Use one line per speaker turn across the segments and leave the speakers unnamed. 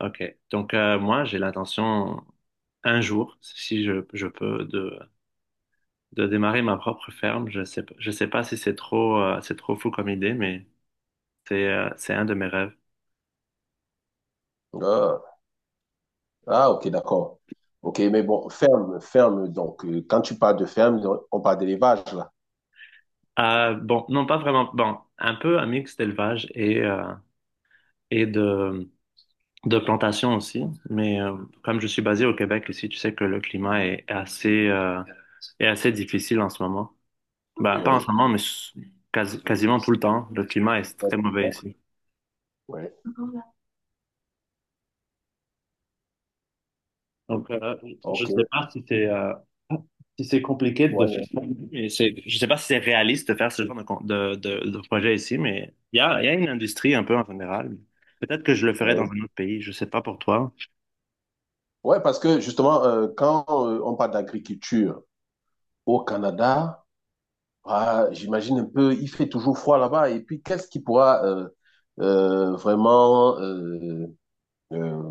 Ok. Donc, moi, j'ai l'intention, un jour, si je peux, de démarrer ma propre ferme. Je sais pas si c'est trop, c'est trop fou comme idée, mais c'est un de mes rêves.
Ah, ah, ok, d'accord. Ok, mais bon, ferme, ferme. Donc, quand tu parles de ferme, on parle d'élevage, là.
Ah bon, non, pas vraiment. Bon, un peu un mix d'élevage et, et de, de plantation aussi. Mais comme je suis basé au Québec ici, tu sais que le climat est assez difficile en ce moment. Bah, pas en ce
Oui.
moment, quasiment tout le temps. Le climat est très mauvais ici.
Oui.
Donc, je ne sais
Ok.
pas si c'est si c'est compliqué de faire
Ouais,
ça. Je ne sais pas si c'est réaliste de faire ce genre de projet ici, mais il y a une industrie un peu en général. Peut-être que je le ferais dans
ouais.
un autre pays, je ne sais pas pour toi.
Ouais, parce que justement, quand on parle d'agriculture au Canada, ah, j'imagine un peu, il fait toujours froid là-bas. Et puis, qu'est-ce qui pourra vraiment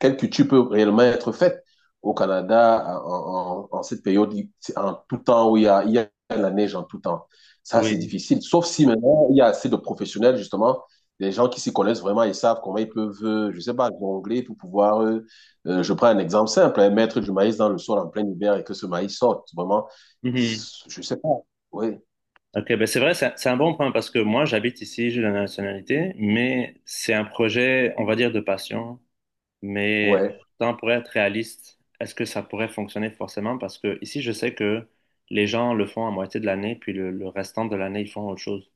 quelle culture peut réellement être faite au Canada en cette période, en tout temps où il y a la neige en tout temps. Ça, c'est
Oui.
difficile. Sauf si maintenant, il y a assez de professionnels, justement, des gens qui s'y connaissent vraiment et savent comment ils peuvent, je sais pas, jongler pour pouvoir, je prends un exemple simple, hein, mettre du maïs dans le sol en plein hiver et que ce maïs sorte. Vraiment,
Mhm.
je sais pas. Oui,
Ok, ben c'est vrai, c'est un bon point parce que moi, j'habite ici, j'ai la nationalité, mais c'est un projet, on va dire, de passion. Mais
ouais.
tant pour être réaliste, est-ce que ça pourrait fonctionner forcément? Parce que ici, je sais que les gens le font à moitié de l'année, puis le restant de l'année, ils font autre chose.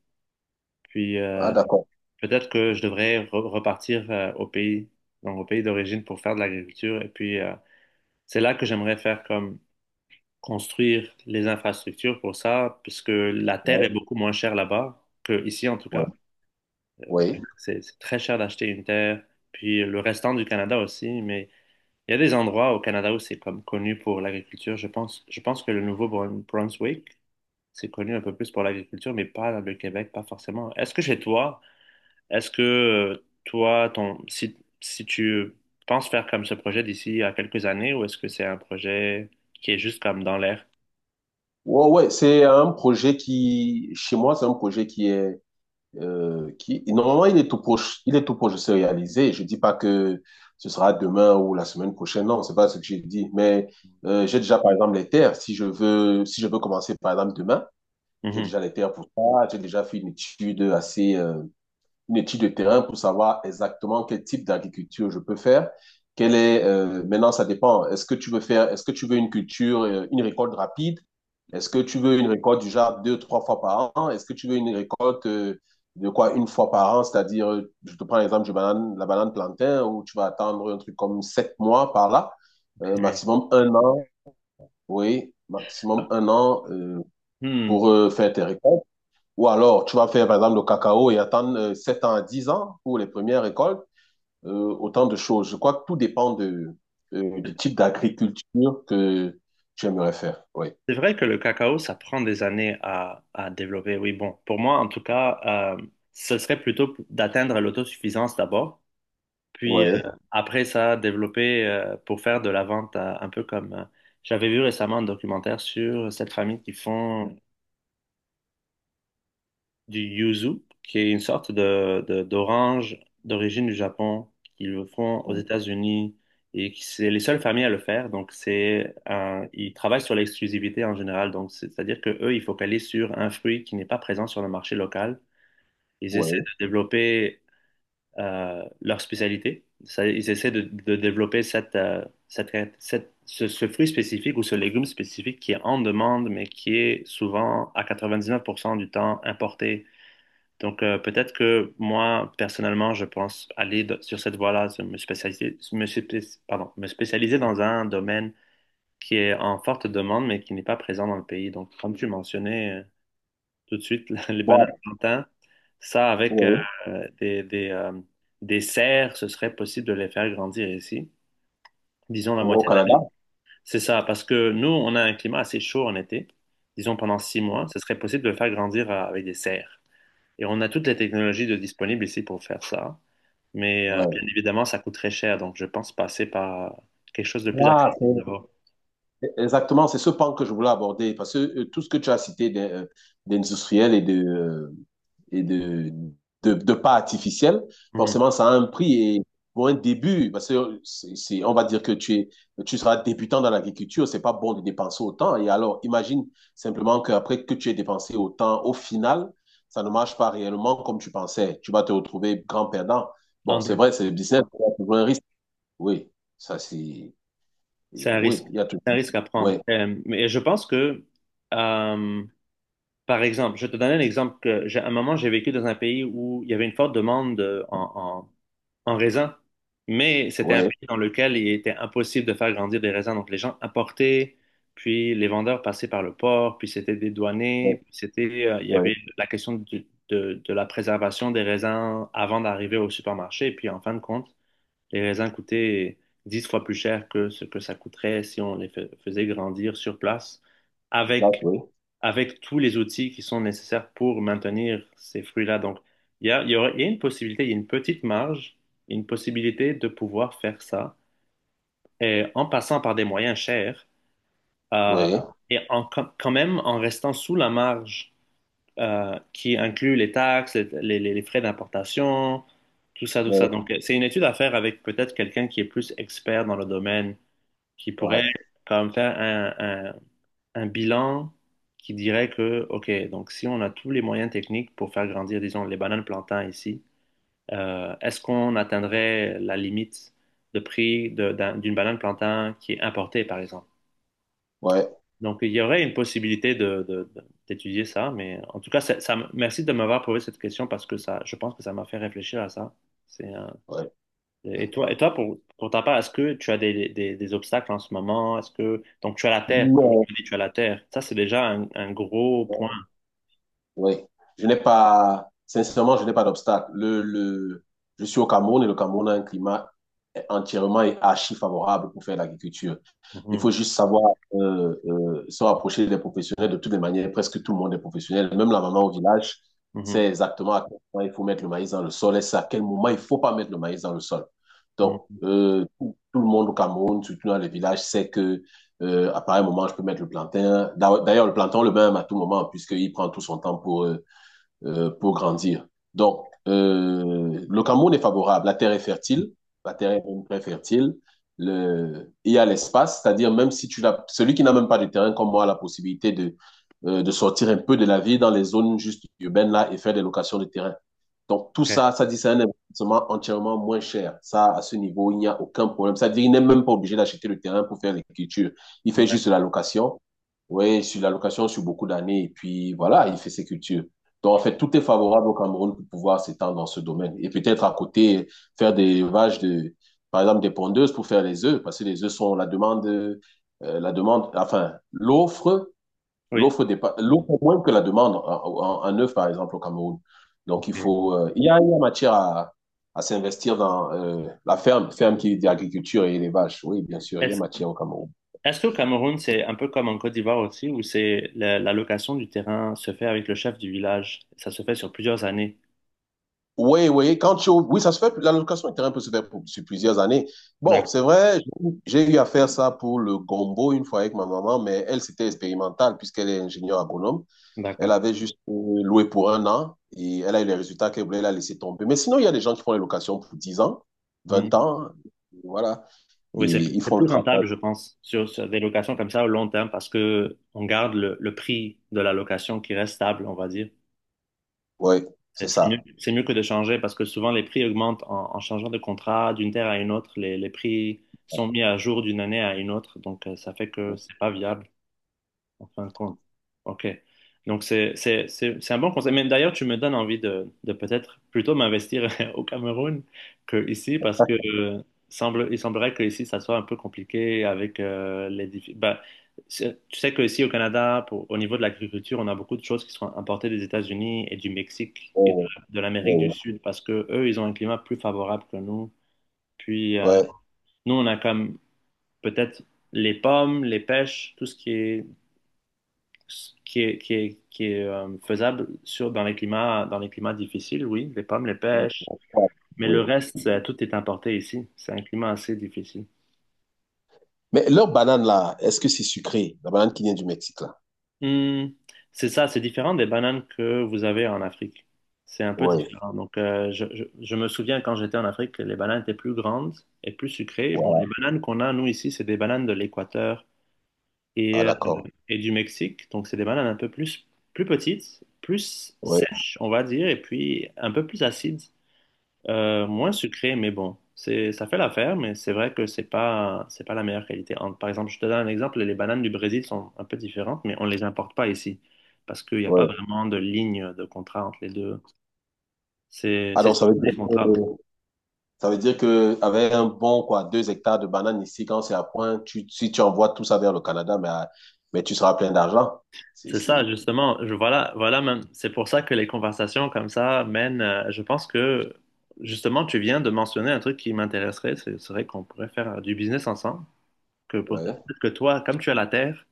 Puis
Ah, d'accord.
peut-être que je devrais repartir au pays, donc au pays d'origine pour faire de l'agriculture. Et puis c'est là que j'aimerais faire comme construire les infrastructures pour ça, puisque la terre est
Oui,
beaucoup moins chère là-bas que ici en tout cas.
oui. Ouais, ouais.
C'est très cher d'acheter une terre, puis le restant du Canada aussi, mais il y a des endroits au Canada où c'est comme connu pour l'agriculture. Je pense que le Nouveau-Brunswick, c'est connu un peu plus pour l'agriculture, mais pas le Québec, pas forcément. Est-ce que chez toi, est-ce que toi, ton, si, si tu penses faire comme ce projet d'ici à quelques années, ou est-ce que c'est un projet qui est juste comme dans l'air?
Ouais, ouais, c'est un projet qui, chez moi, c'est un projet qui est, qui normalement il est tout proche de se réaliser. Je dis pas que ce sera demain ou la semaine prochaine, non, c'est pas ce que j'ai dit. Mais j'ai déjà par exemple les terres. Si je veux commencer par exemple demain, j'ai
Mhm.
déjà les terres pour ça. J'ai déjà fait une étude assez une étude de terrain pour savoir exactement quel type d'agriculture je peux faire. Quelle est, maintenant, ça dépend. Est-ce que tu veux une culture, une récolte rapide? Est-ce que tu veux une récolte du genre deux, trois fois par an? Est-ce que tu veux une récolte de quoi une fois par an? C'est-à-dire, je te prends l'exemple de banane, la banane plantain où tu vas attendre un truc comme sept mois par là, maximum un an, oui, maximum un an
Hmm.
pour faire tes récoltes. Ou alors, tu vas faire, par exemple, le cacao et attendre 7 ans à 10 ans pour les premières récoltes. Euh, autant de choses. Je crois que tout dépend de, du type d'agriculture que tu aimerais faire. Oui.
C'est vrai que le cacao, ça prend des années à développer. Oui, bon, pour moi, en tout cas, ce serait plutôt d'atteindre l'autosuffisance d'abord. Puis
Oui.
après ça, développer pour faire de la vente un peu comme j'avais vu récemment un documentaire sur cette famille qui font du yuzu, qui est une sorte d'orange d'origine du Japon, qu'ils le font aux États-Unis et qui c'est les seules familles à le faire. Ils travaillent sur l'exclusivité en général. C'est-à-dire que eux, ils focalisent sur un fruit qui n'est pas présent sur le marché local. Ils essaient
Oui.
de développer leur spécialité. Ça, ils essaient de développer ce fruit spécifique ou ce légume spécifique qui est en demande, mais qui est souvent à 99% du temps importé. Donc, peut-être que moi, personnellement, je pense aller de- sur cette voie-là, me spécialiser, pardon, me spécialiser dans un domaine qui est en forte demande, mais qui n'est pas présent dans le pays. Donc, comme tu mentionnais, tout de suite. Les bananes
Bon.
plantains, ça avec
Oui.
des, des, euh, des serres, ce serait possible de les faire grandir ici. Disons la
Au
moitié de l'année.
Canada?
C'est ça, parce que nous, on a un climat assez chaud en été. Disons pendant 6 mois, ce serait possible de le faire grandir avec des serres. Et on a toutes les technologies de disponibles ici pour faire ça. Mais
Oui.
bien évidemment, ça coûte très cher. Donc, je pense passer par quelque chose de plus
Ah,
accessible
c'est
d'abord.
exactement, c'est ce pan que je voulais aborder parce que tout ce que tu as cité d'industriel et de pas artificiel,
Mhm.
forcément, ça a un prix et pour un début, parce que on va dire que tu es, tu seras débutant dans l'agriculture, c'est pas bon de dépenser autant. Et alors, imagine simplement qu'après que tu aies dépensé autant, au final, ça ne marche pas réellement comme tu pensais. Tu vas te retrouver grand perdant.
En
Bon, c'est
deux.
vrai, c'est le business,
Ouais.
il y a toujours un risque. Oui, ça c'est,
C'est un
oui,
risque.
il y a toujours,
C'est un risque à prendre.
ouais,
Mais je pense que euh, par exemple, je vais te donne un exemple que j'ai, à un moment, j'ai vécu dans un pays où il y avait une forte demande en raisins, mais c'était un
ouais.
pays dans lequel il était impossible de faire grandir des raisins. Donc, les gens apportaient, puis les vendeurs passaient par le port, puis c'était dédouané,
Oui,
puis c'était, il y
oui,
avait la question de la préservation des raisins avant d'arriver au supermarché. Et puis, en fin de compte, les raisins coûtaient 10 fois plus cher que ce que ça coûterait si on faisait grandir sur place
place,
avec
oui.
tous les outils qui sont nécessaires pour maintenir ces fruits-là. Donc, il y a une possibilité, il y a une petite marge, une possibilité de pouvoir faire ça et en passant par des moyens chers euh,
Oui,
et en, quand même en restant sous la marge qui inclut les taxes, frais d'importation, tout ça.
oui,
Donc, c'est une étude à faire avec peut-être quelqu'un qui est plus expert dans le domaine, qui pourrait
ouais,
comme faire un bilan qui dirait que, ok, donc si on a tous les moyens techniques pour faire grandir, disons, les bananes plantains ici, est-ce qu'on atteindrait la limite de d'une banane plantain qui est importée, par exemple?
ouais,
Donc, il y aurait une possibilité d'étudier ça, mais en tout cas, merci de m'avoir posé cette question parce que ça, je pense que ça m'a fait réfléchir à ça. C'est,
ouais.
et toi pour ta part, est-ce que tu as des obstacles en ce moment? Est-ce que, donc, tu as la terre, comme
Non.
tu dis, tu as la terre. Ça, c'est déjà un gros point.
Oui. Je n'ai pas, sincèrement, je n'ai pas d'obstacle. Je suis au Cameroun et le Cameroun a un climat entièrement et archi favorable pour faire l'agriculture. Il
Mhm,
faut juste savoir se rapprocher des professionnels de toutes les manières. Presque tout le monde est professionnel. Même la maman au village
mhm,
sait exactement à quel moment il faut mettre le maïs dans le sol et c'est à quel moment il ne faut pas mettre le maïs dans le sol. Donc,
mhm.
tout le monde au Cameroun, surtout dans les villages, sait que à pareil moment, je peux mettre le plantain. D'ailleurs, le plantain, on le même à tout moment, puisqu'il prend tout son temps pour grandir. Donc, le Cameroun est favorable. La terre est fertile. La terre est très fertile. Il y a l'espace, c'est-à-dire même si tu l'as, celui qui n'a même pas de terrain comme moi a la possibilité de sortir un peu de la vie dans les zones juste urbaines là et faire des locations de terrain. Donc, tout
Ok,
ça, ça dit c'est un investissement entièrement moins cher. Ça, à ce niveau, il n'y a aucun problème. Ça veut dire qu'il n'est même pas obligé d'acheter le terrain pour faire l'écriture. Il fait juste la
d'accord.
location. Oui, sur la location sur beaucoup d'années. Et puis, voilà, il fait ses cultures. Donc, en fait, tout est favorable au Cameroun pour pouvoir s'étendre dans ce domaine. Et peut-être à côté, faire des vaches de, par exemple, des pondeuses pour faire les œufs, parce que les œufs sont la demande, enfin, l'offre.
Oui.
L'offre dépasse, l'offre moins que la demande, en un œuf par exemple au Cameroun. Donc il
Ok.
faut, il y a matière à s'investir dans la ferme, ferme qui est d'agriculture et élevage. Oui, bien sûr, il y a
Est-ce
matière au Cameroun.
Est-ce qu'au Cameroun, c'est un peu comme en Côte d'Ivoire aussi, où c'est la location du terrain se fait avec le chef du village? Ça se fait sur plusieurs années.
Oui, oui, oui, ça se fait, l'allocation de terrain peut se faire sur plusieurs années. Bon,
D'ac-
c'est vrai, j'ai eu à faire ça pour le gombo une fois avec ma maman, mais elle, c'était expérimental puisqu'elle est ingénieure agronome. Elle
D'accord.
avait juste loué pour un an et elle a eu les résultats qu'elle voulait, elle a laissé tomber. Mais sinon, il y a des gens qui font les locations pour 10 ans, vingt
Mhm.
ans, et voilà, et
Oui,
ils
c'est
font le
plus
travail.
rentable, je pense, sur des locations comme ça au long terme, parce que on garde le prix de la location qui reste stable, on va dire.
Ouais, c'est
C'est mieux,
ça.
c'est mieux que de changer parce que souvent les prix augmentent en changeant de contrat d'une terre à une autre. Les prix sont mis à jour d'une année à une autre. Donc, ça fait que c'est pas viable en fin de compte. Ok. Donc, c'est un bon conseil. Mais d'ailleurs, tu me donnes envie de peut-être plutôt m'investir au Cameroun qu'ici parce que il semblerait que ici, ça soit un peu compliqué avec bah, tu sais qu'ici, au Canada, au niveau de l'agriculture, on a beaucoup de choses qui sont importées des États-Unis et du Mexique et
Oh,
de l'Amérique du
oh,
Sud parce que eux, ils ont un climat plus favorable que nous. Puis,
ouais,
nous, on a comme peut-être les pommes, les pêches, tout ce qui est qui est faisable dans les climats difficiles, oui, les pommes, les pêches,
ouais,
mais
ouais.
le
Ouais.
reste, tout est importé ici. C'est un climat assez difficile.
Mais leur banane là, est-ce que c'est sucré? La banane qui vient du Mexique là.
Hmm, c'est ça, c'est différent des bananes que vous avez en Afrique. C'est un peu
Oui,
différent. Donc, je me souviens quand j'étais en Afrique, les bananes étaient plus grandes et plus sucrées. Bon, les
voilà.
bananes qu'on a, nous, ici, c'est des bananes de l'Équateur et,
Ah,
euh,
d'accord.
et du Mexique. Donc, c'est des bananes plus petites, plus
Oui,
sèches, on va dire, et puis un peu plus acides. Moins sucré, mais bon, ça fait l'affaire, mais c'est vrai que c'est pas la meilleure qualité. En- par exemple, je te donne un exemple, les bananes du Brésil sont un peu différentes, mais on les importe pas ici parce qu'il n'y a pas
oui.
vraiment de ligne de contrat entre les deux.
Ah,
C'est
donc ça veut
surtout
dire
des
que
contrats.
ça veut dire que avec un bon quoi, deux hectares de bananes ici, quand c'est à point, si tu envoies tout ça vers le Canada, mais, mais tu seras plein d'argent. C'est,
C'est ça,
c'est-
justement. Voilà, voilà, même. C'est pour ça que les conversations comme ça mènent. Je pense que justement, tu viens de mentionner un truc qui m'intéresserait, ce serait qu'on pourrait faire du business ensemble. Que pour,
ouais,
peut-être que toi, comme tu as la terre,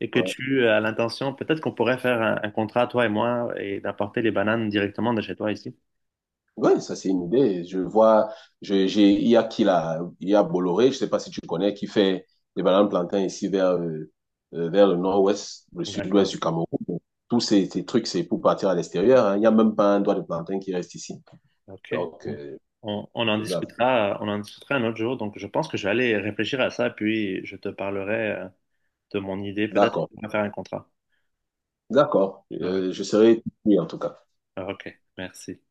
et que
ouais.
tu as l'intention, peut-être qu'on pourrait faire un contrat, toi et moi, et d'apporter les bananes directement de chez toi ici.
Ouais, ça c'est une idée. Je vois, il y a il y a Bolloré, je sais pas si tu connais, qui fait des bananes plantains ici vers, vers le nord-ouest, le sud-ouest
D'accord.
du Cameroun. Donc, tous ces trucs, c'est pour partir à l'extérieur. Hein. Il n'y a même pas un doigt de plantain qui reste ici.
Ok.
Donc,
On en
voilà.
discutera, on en discutera un autre jour. Donc, je pense que je vais aller réfléchir à ça, puis je te parlerai de mon idée. Peut-être
D'accord,
qu'on va faire un contrat.
d'accord.
Euh,
Je serai oui, en tout cas.
ok. Merci.